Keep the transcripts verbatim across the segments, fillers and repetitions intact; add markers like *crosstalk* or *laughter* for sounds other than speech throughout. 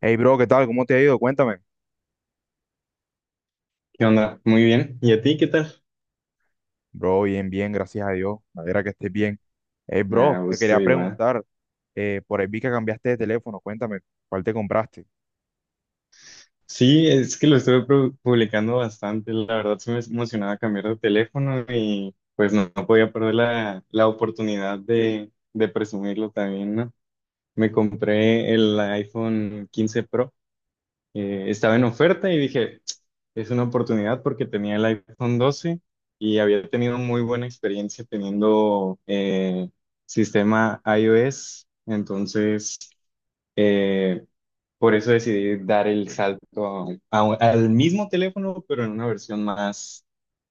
Hey, bro, ¿qué tal? ¿Cómo te ha ido? Cuéntame. ¿Qué onda? Muy bien. ¿Y a ti qué tal? Bro, bien, bien, gracias a Dios. Me alegra que estés bien. Hey, Me bro, te gusto quería igual. preguntar, eh, por ahí vi que cambiaste de teléfono. Cuéntame, ¿cuál te compraste? Sí, es que lo estuve pu- publicando bastante. La verdad se me emocionaba cambiar de teléfono y pues no, no podía perder la, la oportunidad de, de presumirlo también, ¿no? Me compré el iPhone quince Pro. Eh, estaba en oferta y dije, es una oportunidad porque tenía el iPhone doce y había tenido muy buena experiencia teniendo eh, sistema iOS. Entonces. eh, Por eso decidí dar el salto a- a al mismo teléfono, pero en una versión más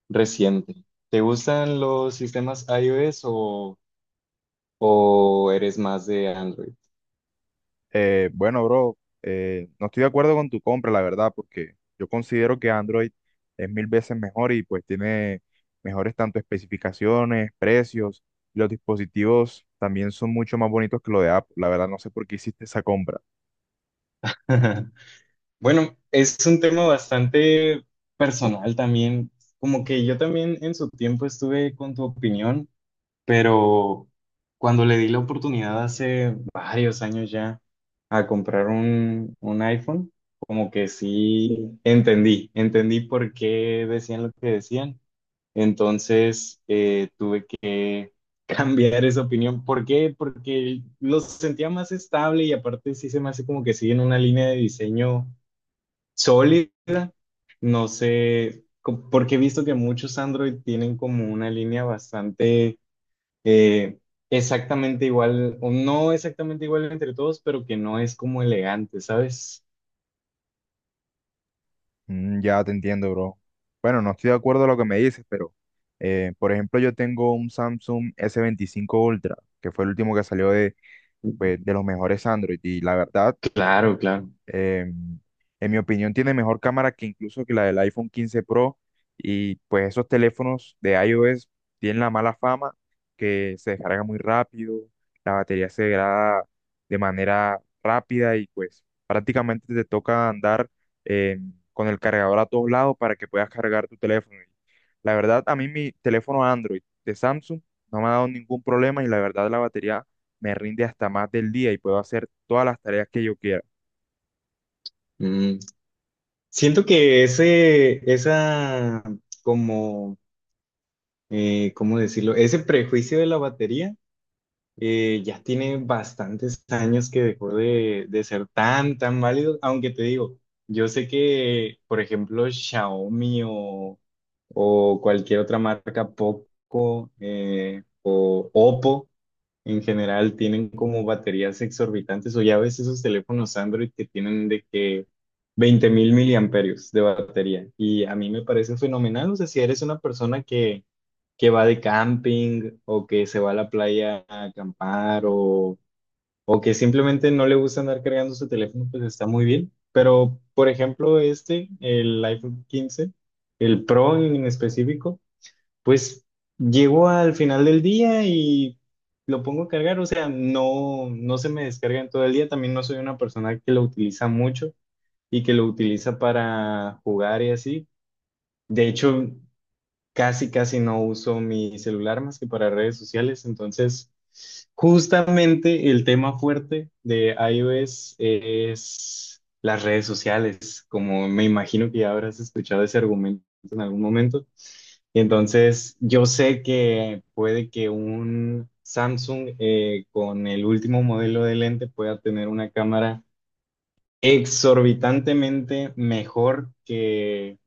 reciente. ¿Te gustan los sistemas iOS o, o eres más de Android? Eh, bueno, bro, eh, no estoy de acuerdo con tu compra, la verdad, porque yo considero que Android es mil veces mejor y pues tiene mejores tanto especificaciones, precios. Los dispositivos también son mucho más bonitos que lo de Apple. La verdad, no sé por qué hiciste esa compra. *laughs* Bueno, es un tema bastante personal también. Como que yo también en su tiempo estuve con tu opinión, pero cuando le di la oportunidad hace varios años ya a comprar un, un iPhone, como que sí entendí, entendí por qué decían lo que decían. Entonces eh, tuve que *laughs* cambiar esa opinión. ¿Por qué? Porque lo sentía más estable y aparte sí se me hace como que siguen una línea de diseño sólida. No sé, co- porque he visto que muchos Android tienen como una línea bastante eh, exactamente igual, o no exactamente igual entre todos, pero que no es como elegante, ¿sabes? Mm, ya te entiendo, bro. Bueno, no estoy de acuerdo a lo que me dices, pero eh, por ejemplo, yo tengo un Samsung s veinticinco Ultra, que fue el último que salió de, pues, de los mejores Android, y la verdad Claro, claro. eh, en mi opinión, tiene mejor cámara que incluso que la del iPhone quince Pro. Y pues esos teléfonos de iOS tienen la mala fama que se descarga muy rápido, la batería se degrada de manera rápida y pues prácticamente te toca andar eh, con el cargador a todos lados para que puedas cargar tu teléfono. Y la verdad, a mí mi teléfono Android de Samsung no me ha dado ningún problema y la verdad la batería me rinde hasta más del día y puedo hacer todas las tareas que yo quiera. Mm. Siento que ese, esa, como, eh, ¿cómo decirlo? Ese prejuicio de la batería eh, ya tiene bastantes años que dejó de, de ser tan, tan válido, aunque te digo, yo sé que, por ejemplo, Xiaomi o, o cualquier otra marca, Poco eh, o Oppo, en general tienen como baterías exorbitantes o ya ves esos teléfonos Android que tienen de que veinte mil miliamperios de batería y a mí me parece fenomenal, o sea, si eres una persona que, que va de camping o que se va a la playa a acampar o, o que simplemente no le gusta andar cargando su teléfono, pues está muy bien, pero por ejemplo este, el iPhone quince, el Pro en específico, pues llego al final del día y lo pongo a cargar, o sea, no, no se me descarga en todo el día, también no soy una persona que lo utiliza mucho y que lo utiliza para jugar y así. De hecho, casi, casi no uso mi celular más que para redes sociales. Entonces, justamente el tema fuerte de iOS es las redes sociales, como me imagino que ya habrás escuchado ese argumento en algún momento. Entonces, yo sé que puede que un Samsung eh, con el último modelo de lente pueda tener una cámara exorbitantemente mejor que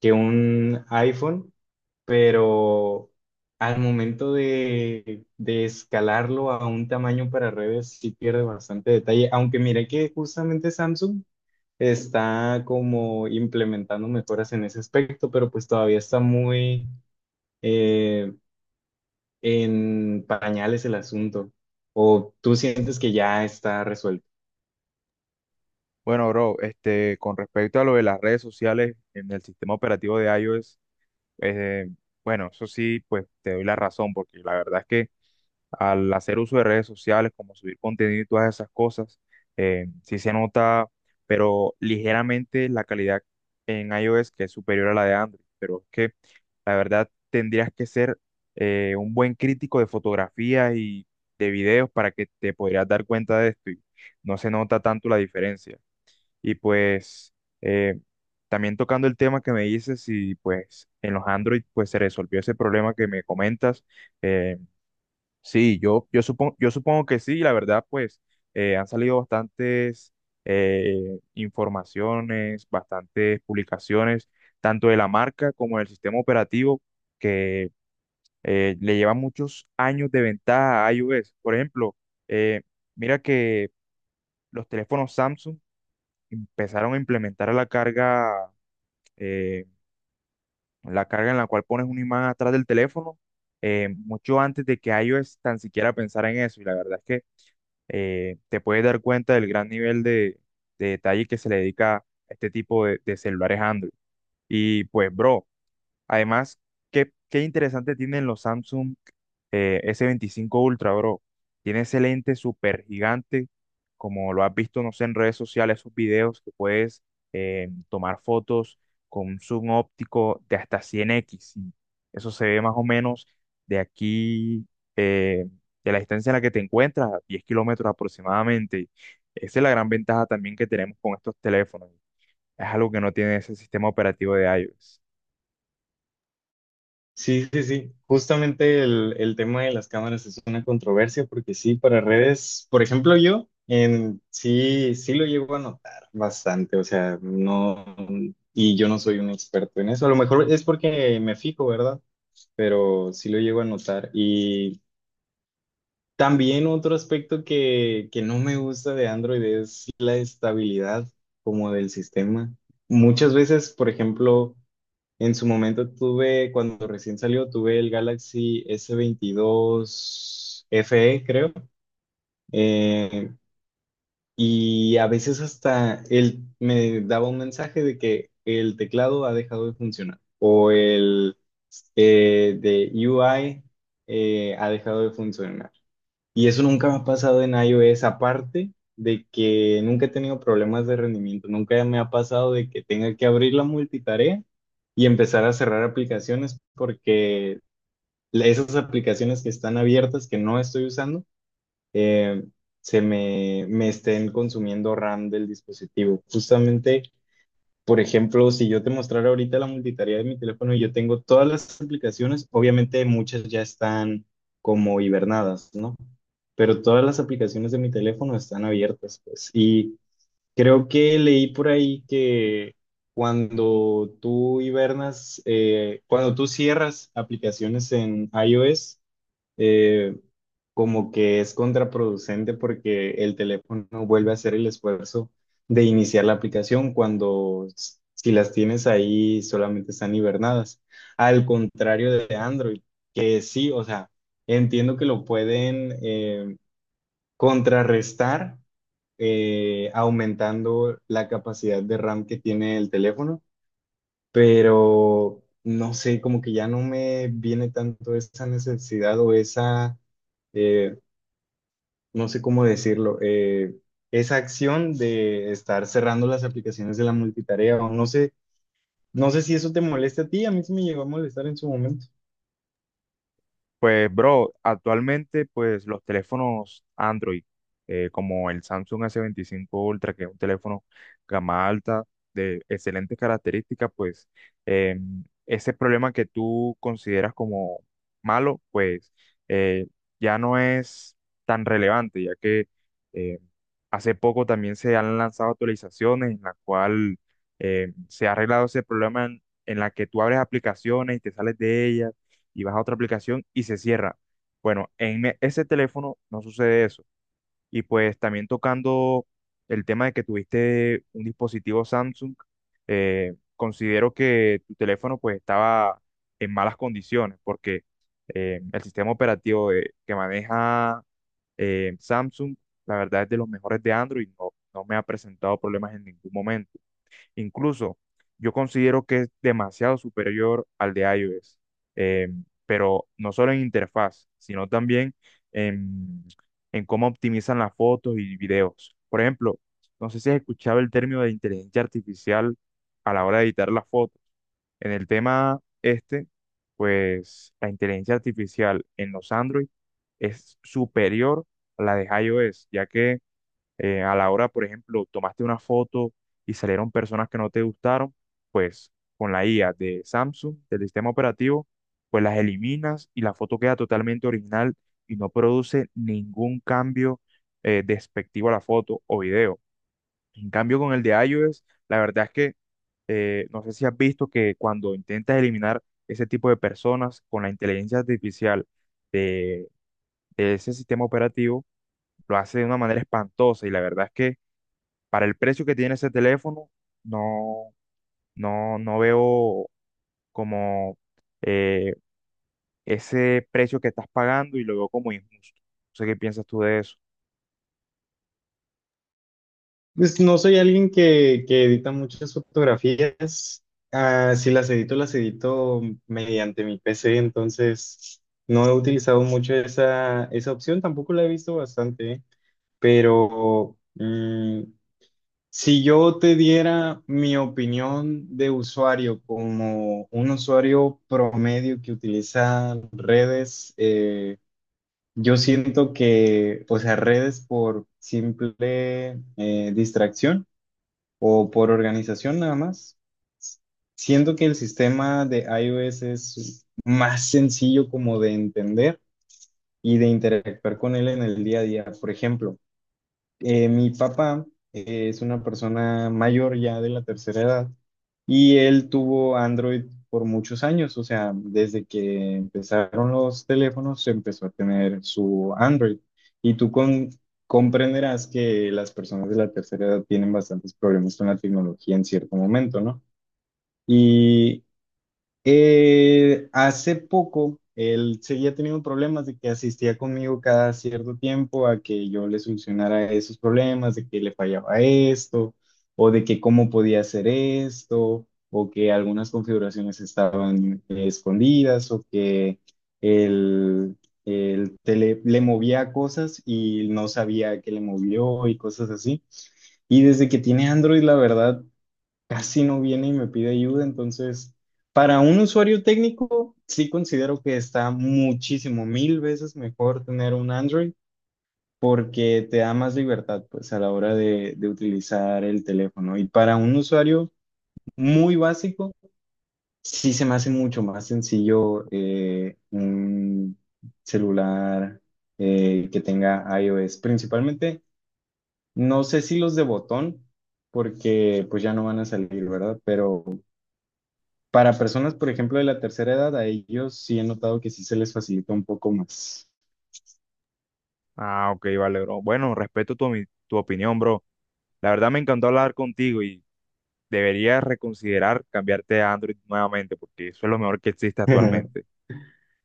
que un iPhone, pero al momento de, de escalarlo a un tamaño para redes sí pierde bastante detalle, aunque mire que justamente Samsung está como implementando mejoras en ese aspecto, pero pues todavía está muy eh, en pañales el asunto. ¿O tú sientes que ya está resuelto? Bueno, bro, este, con respecto a lo de las redes sociales en el sistema operativo de iOS, eh, bueno, eso sí, pues te doy la razón, porque la verdad es que al hacer uso de redes sociales, como subir contenido y todas esas cosas, eh, sí se nota, pero ligeramente la calidad en iOS que es superior a la de Android. Pero es que la verdad tendrías que ser eh, un buen crítico de fotografías y de videos para que te podrías dar cuenta de esto y no se nota tanto la diferencia. Y pues eh, también tocando el tema que me dices y pues en los Android pues se resolvió ese problema que me comentas. Eh, sí, yo, yo, supongo, yo supongo que sí, la verdad pues eh, han salido bastantes eh, informaciones, bastantes publicaciones, tanto de la marca como del sistema operativo que eh, le llevan muchos años de ventaja a iOS. Por ejemplo, eh, mira que los teléfonos Samsung empezaron a implementar la carga, eh, la carga en la cual pones un imán atrás del teléfono, eh, mucho antes de que iOS tan siquiera pensara en eso. Y la verdad es que eh, te puedes dar cuenta del gran nivel de, de detalle que se le dedica a este tipo de, de celulares Android. Y pues, bro, además, qué, qué interesante tienen los Samsung eh, S veinticinco Ultra, bro. Tiene ese lente súper gigante, como lo has visto, no sé, en redes sociales, esos videos que puedes eh, tomar fotos con un zoom óptico de hasta cien equis. Y eso se ve más o menos de aquí, eh, de la distancia en la que te encuentras, a diez kilómetros aproximadamente. Esa es la gran ventaja también que tenemos con estos teléfonos. Es algo que no tiene ese sistema operativo de iOS. Sí, sí, sí. Justamente el, el tema de las cámaras es una controversia porque sí, para redes, por ejemplo, yo en, sí, sí lo llego a notar bastante, o sea, no, y yo no soy un experto en eso, a lo mejor es porque me fijo, ¿verdad? Pero sí lo llego a notar. Y también otro aspecto que, que no me gusta de Android es la estabilidad como del sistema. Muchas veces, por ejemplo. En su momento tuve, cuando recién salió, tuve el Galaxy S veintidós F E, creo. Eh, y a veces hasta él me daba un mensaje de que el teclado ha dejado de funcionar o el eh, de U I eh, ha dejado de funcionar. Y eso nunca me ha pasado en iOS, aparte de que nunca he tenido problemas de rendimiento, nunca me ha pasado de que tenga que abrir la multitarea y empezar a cerrar aplicaciones porque esas aplicaciones que están abiertas, que no estoy usando, eh, se me, me estén consumiendo RAM del dispositivo. Justamente por ejemplo, si yo te mostrara ahorita la multitarea de mi teléfono, yo tengo todas las aplicaciones, obviamente muchas ya están como hibernadas, ¿no? Pero todas las aplicaciones de mi teléfono están abiertas, pues. Y creo que leí por ahí que cuando tú hibernas, eh, cuando tú cierras aplicaciones en iOS, eh, como que es contraproducente porque el teléfono vuelve a hacer el esfuerzo de iniciar la aplicación cuando s- si las tienes ahí solamente están hibernadas. Al contrario de Android, que sí, o sea, entiendo que lo pueden eh, contrarrestar eh, aumentando la capacidad de RAM que tiene el teléfono, pero no sé, como que ya no me viene tanto esa necesidad o esa eh, no sé cómo decirlo, eh, esa acción de estar cerrando las aplicaciones de la multitarea, o no sé, no sé si eso te molesta a ti, a mí sí me llegó a molestar en su momento. Pues, bro, actualmente, pues los teléfonos Android, eh, como el Samsung S veinticinco Ultra, que es un teléfono gama alta, de excelentes características, pues eh, ese problema que tú consideras como malo, pues eh, ya no es tan relevante, ya que eh, hace poco también se han lanzado actualizaciones en la cual eh, se ha arreglado ese problema en, en la que tú abres aplicaciones y te sales de ellas y vas a otra aplicación y se cierra. Bueno, en e- ese teléfono no sucede eso. Y pues también tocando el tema de que tuviste un dispositivo Samsung, eh, considero que tu teléfono pues estaba en malas condiciones porque eh, el sistema operativo de- que maneja eh, Samsung, la verdad es de los mejores de Android, no, no me ha presentado problemas en ningún momento. Incluso yo considero que es demasiado superior al de iOS, eh, pero no solo en interfaz, sino también en, en cómo optimizan las fotos y videos. Por ejemplo, no sé si has escuchado el término de inteligencia artificial a la hora de editar las fotos. En el tema este, pues la inteligencia artificial en los Android es superior a la de iOS, ya que eh, a la hora, por ejemplo, tomaste una foto y salieron personas que no te gustaron, pues con la I A de Samsung, del sistema operativo, pues las eliminas y la foto queda totalmente original y no produce ningún cambio eh, despectivo a la foto o video. En cambio, con el de iOS, la verdad es que eh, no sé si has visto que cuando intentas eliminar ese tipo de personas con la inteligencia artificial de, de ese sistema operativo, lo hace de una manera espantosa y la verdad es que para el precio que tiene ese teléfono, no, no, no veo como eh, ese precio que estás pagando y lo veo como injusto. No sé qué piensas tú de eso. Pues no soy alguien que, que edita muchas fotografías, ah, si las edito, las edito mediante mi P C, entonces no he utilizado mucho esa, esa opción, tampoco la he visto bastante, ¿eh? Pero mm, si yo te diera mi opinión de usuario como un usuario promedio que utiliza redes, eh, yo siento que, o sea, redes por simple eh, distracción o por organización nada más, siento que el sistema de iOS es más sencillo como de entender y de interactuar con él en el día a día. Por ejemplo, eh, mi papá eh, es una persona mayor ya de la tercera edad y él tuvo Android por muchos años, o sea, desde que empezaron los teléfonos se empezó a tener su Android y tú con- comprenderás que las personas de la tercera edad tienen bastantes problemas con la tecnología en cierto momento, ¿no? Y eh, hace poco él seguía teniendo problemas de que asistía conmigo cada cierto tiempo a que yo le solucionara esos problemas, de que le fallaba esto, o de que cómo podía hacer esto, o que algunas configuraciones estaban eh, escondidas, o que él, él te le, le movía cosas y no sabía que le movió y cosas así. Y desde que tiene Android, la verdad casi no viene y me pide ayuda. Entonces, para un usuario técnico, sí considero que está muchísimo, mil veces mejor tener un Android porque te da más libertad, pues, a la hora de, de utilizar el teléfono. Y para un usuario muy básico, sí se me hace mucho más sencillo eh, un celular eh, que tenga iOS. Principalmente, no sé si los de botón, porque pues ya no van a salir, ¿verdad? Pero para personas, por ejemplo, de la tercera edad, a ellos sí he notado que sí se les facilita un poco más. Ah, ok, vale, bro. Bueno, respeto tu, omi- tu opinión, bro. La verdad me encantó hablar contigo y deberías reconsiderar cambiarte a Android nuevamente porque eso es lo mejor que existe *laughs* actualmente.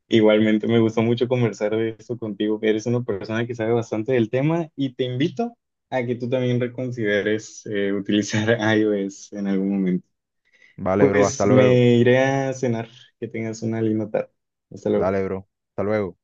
Igualmente, me gustó mucho conversar de esto contigo. Eres una persona que sabe bastante del tema y te invito a que tú también reconsideres eh, utilizar *laughs* iOS en algún momento. Vale, bro, hasta Pues luego. me iré a cenar. Que tengas una linda tarde. Hasta luego. Dale, bro. Hasta luego.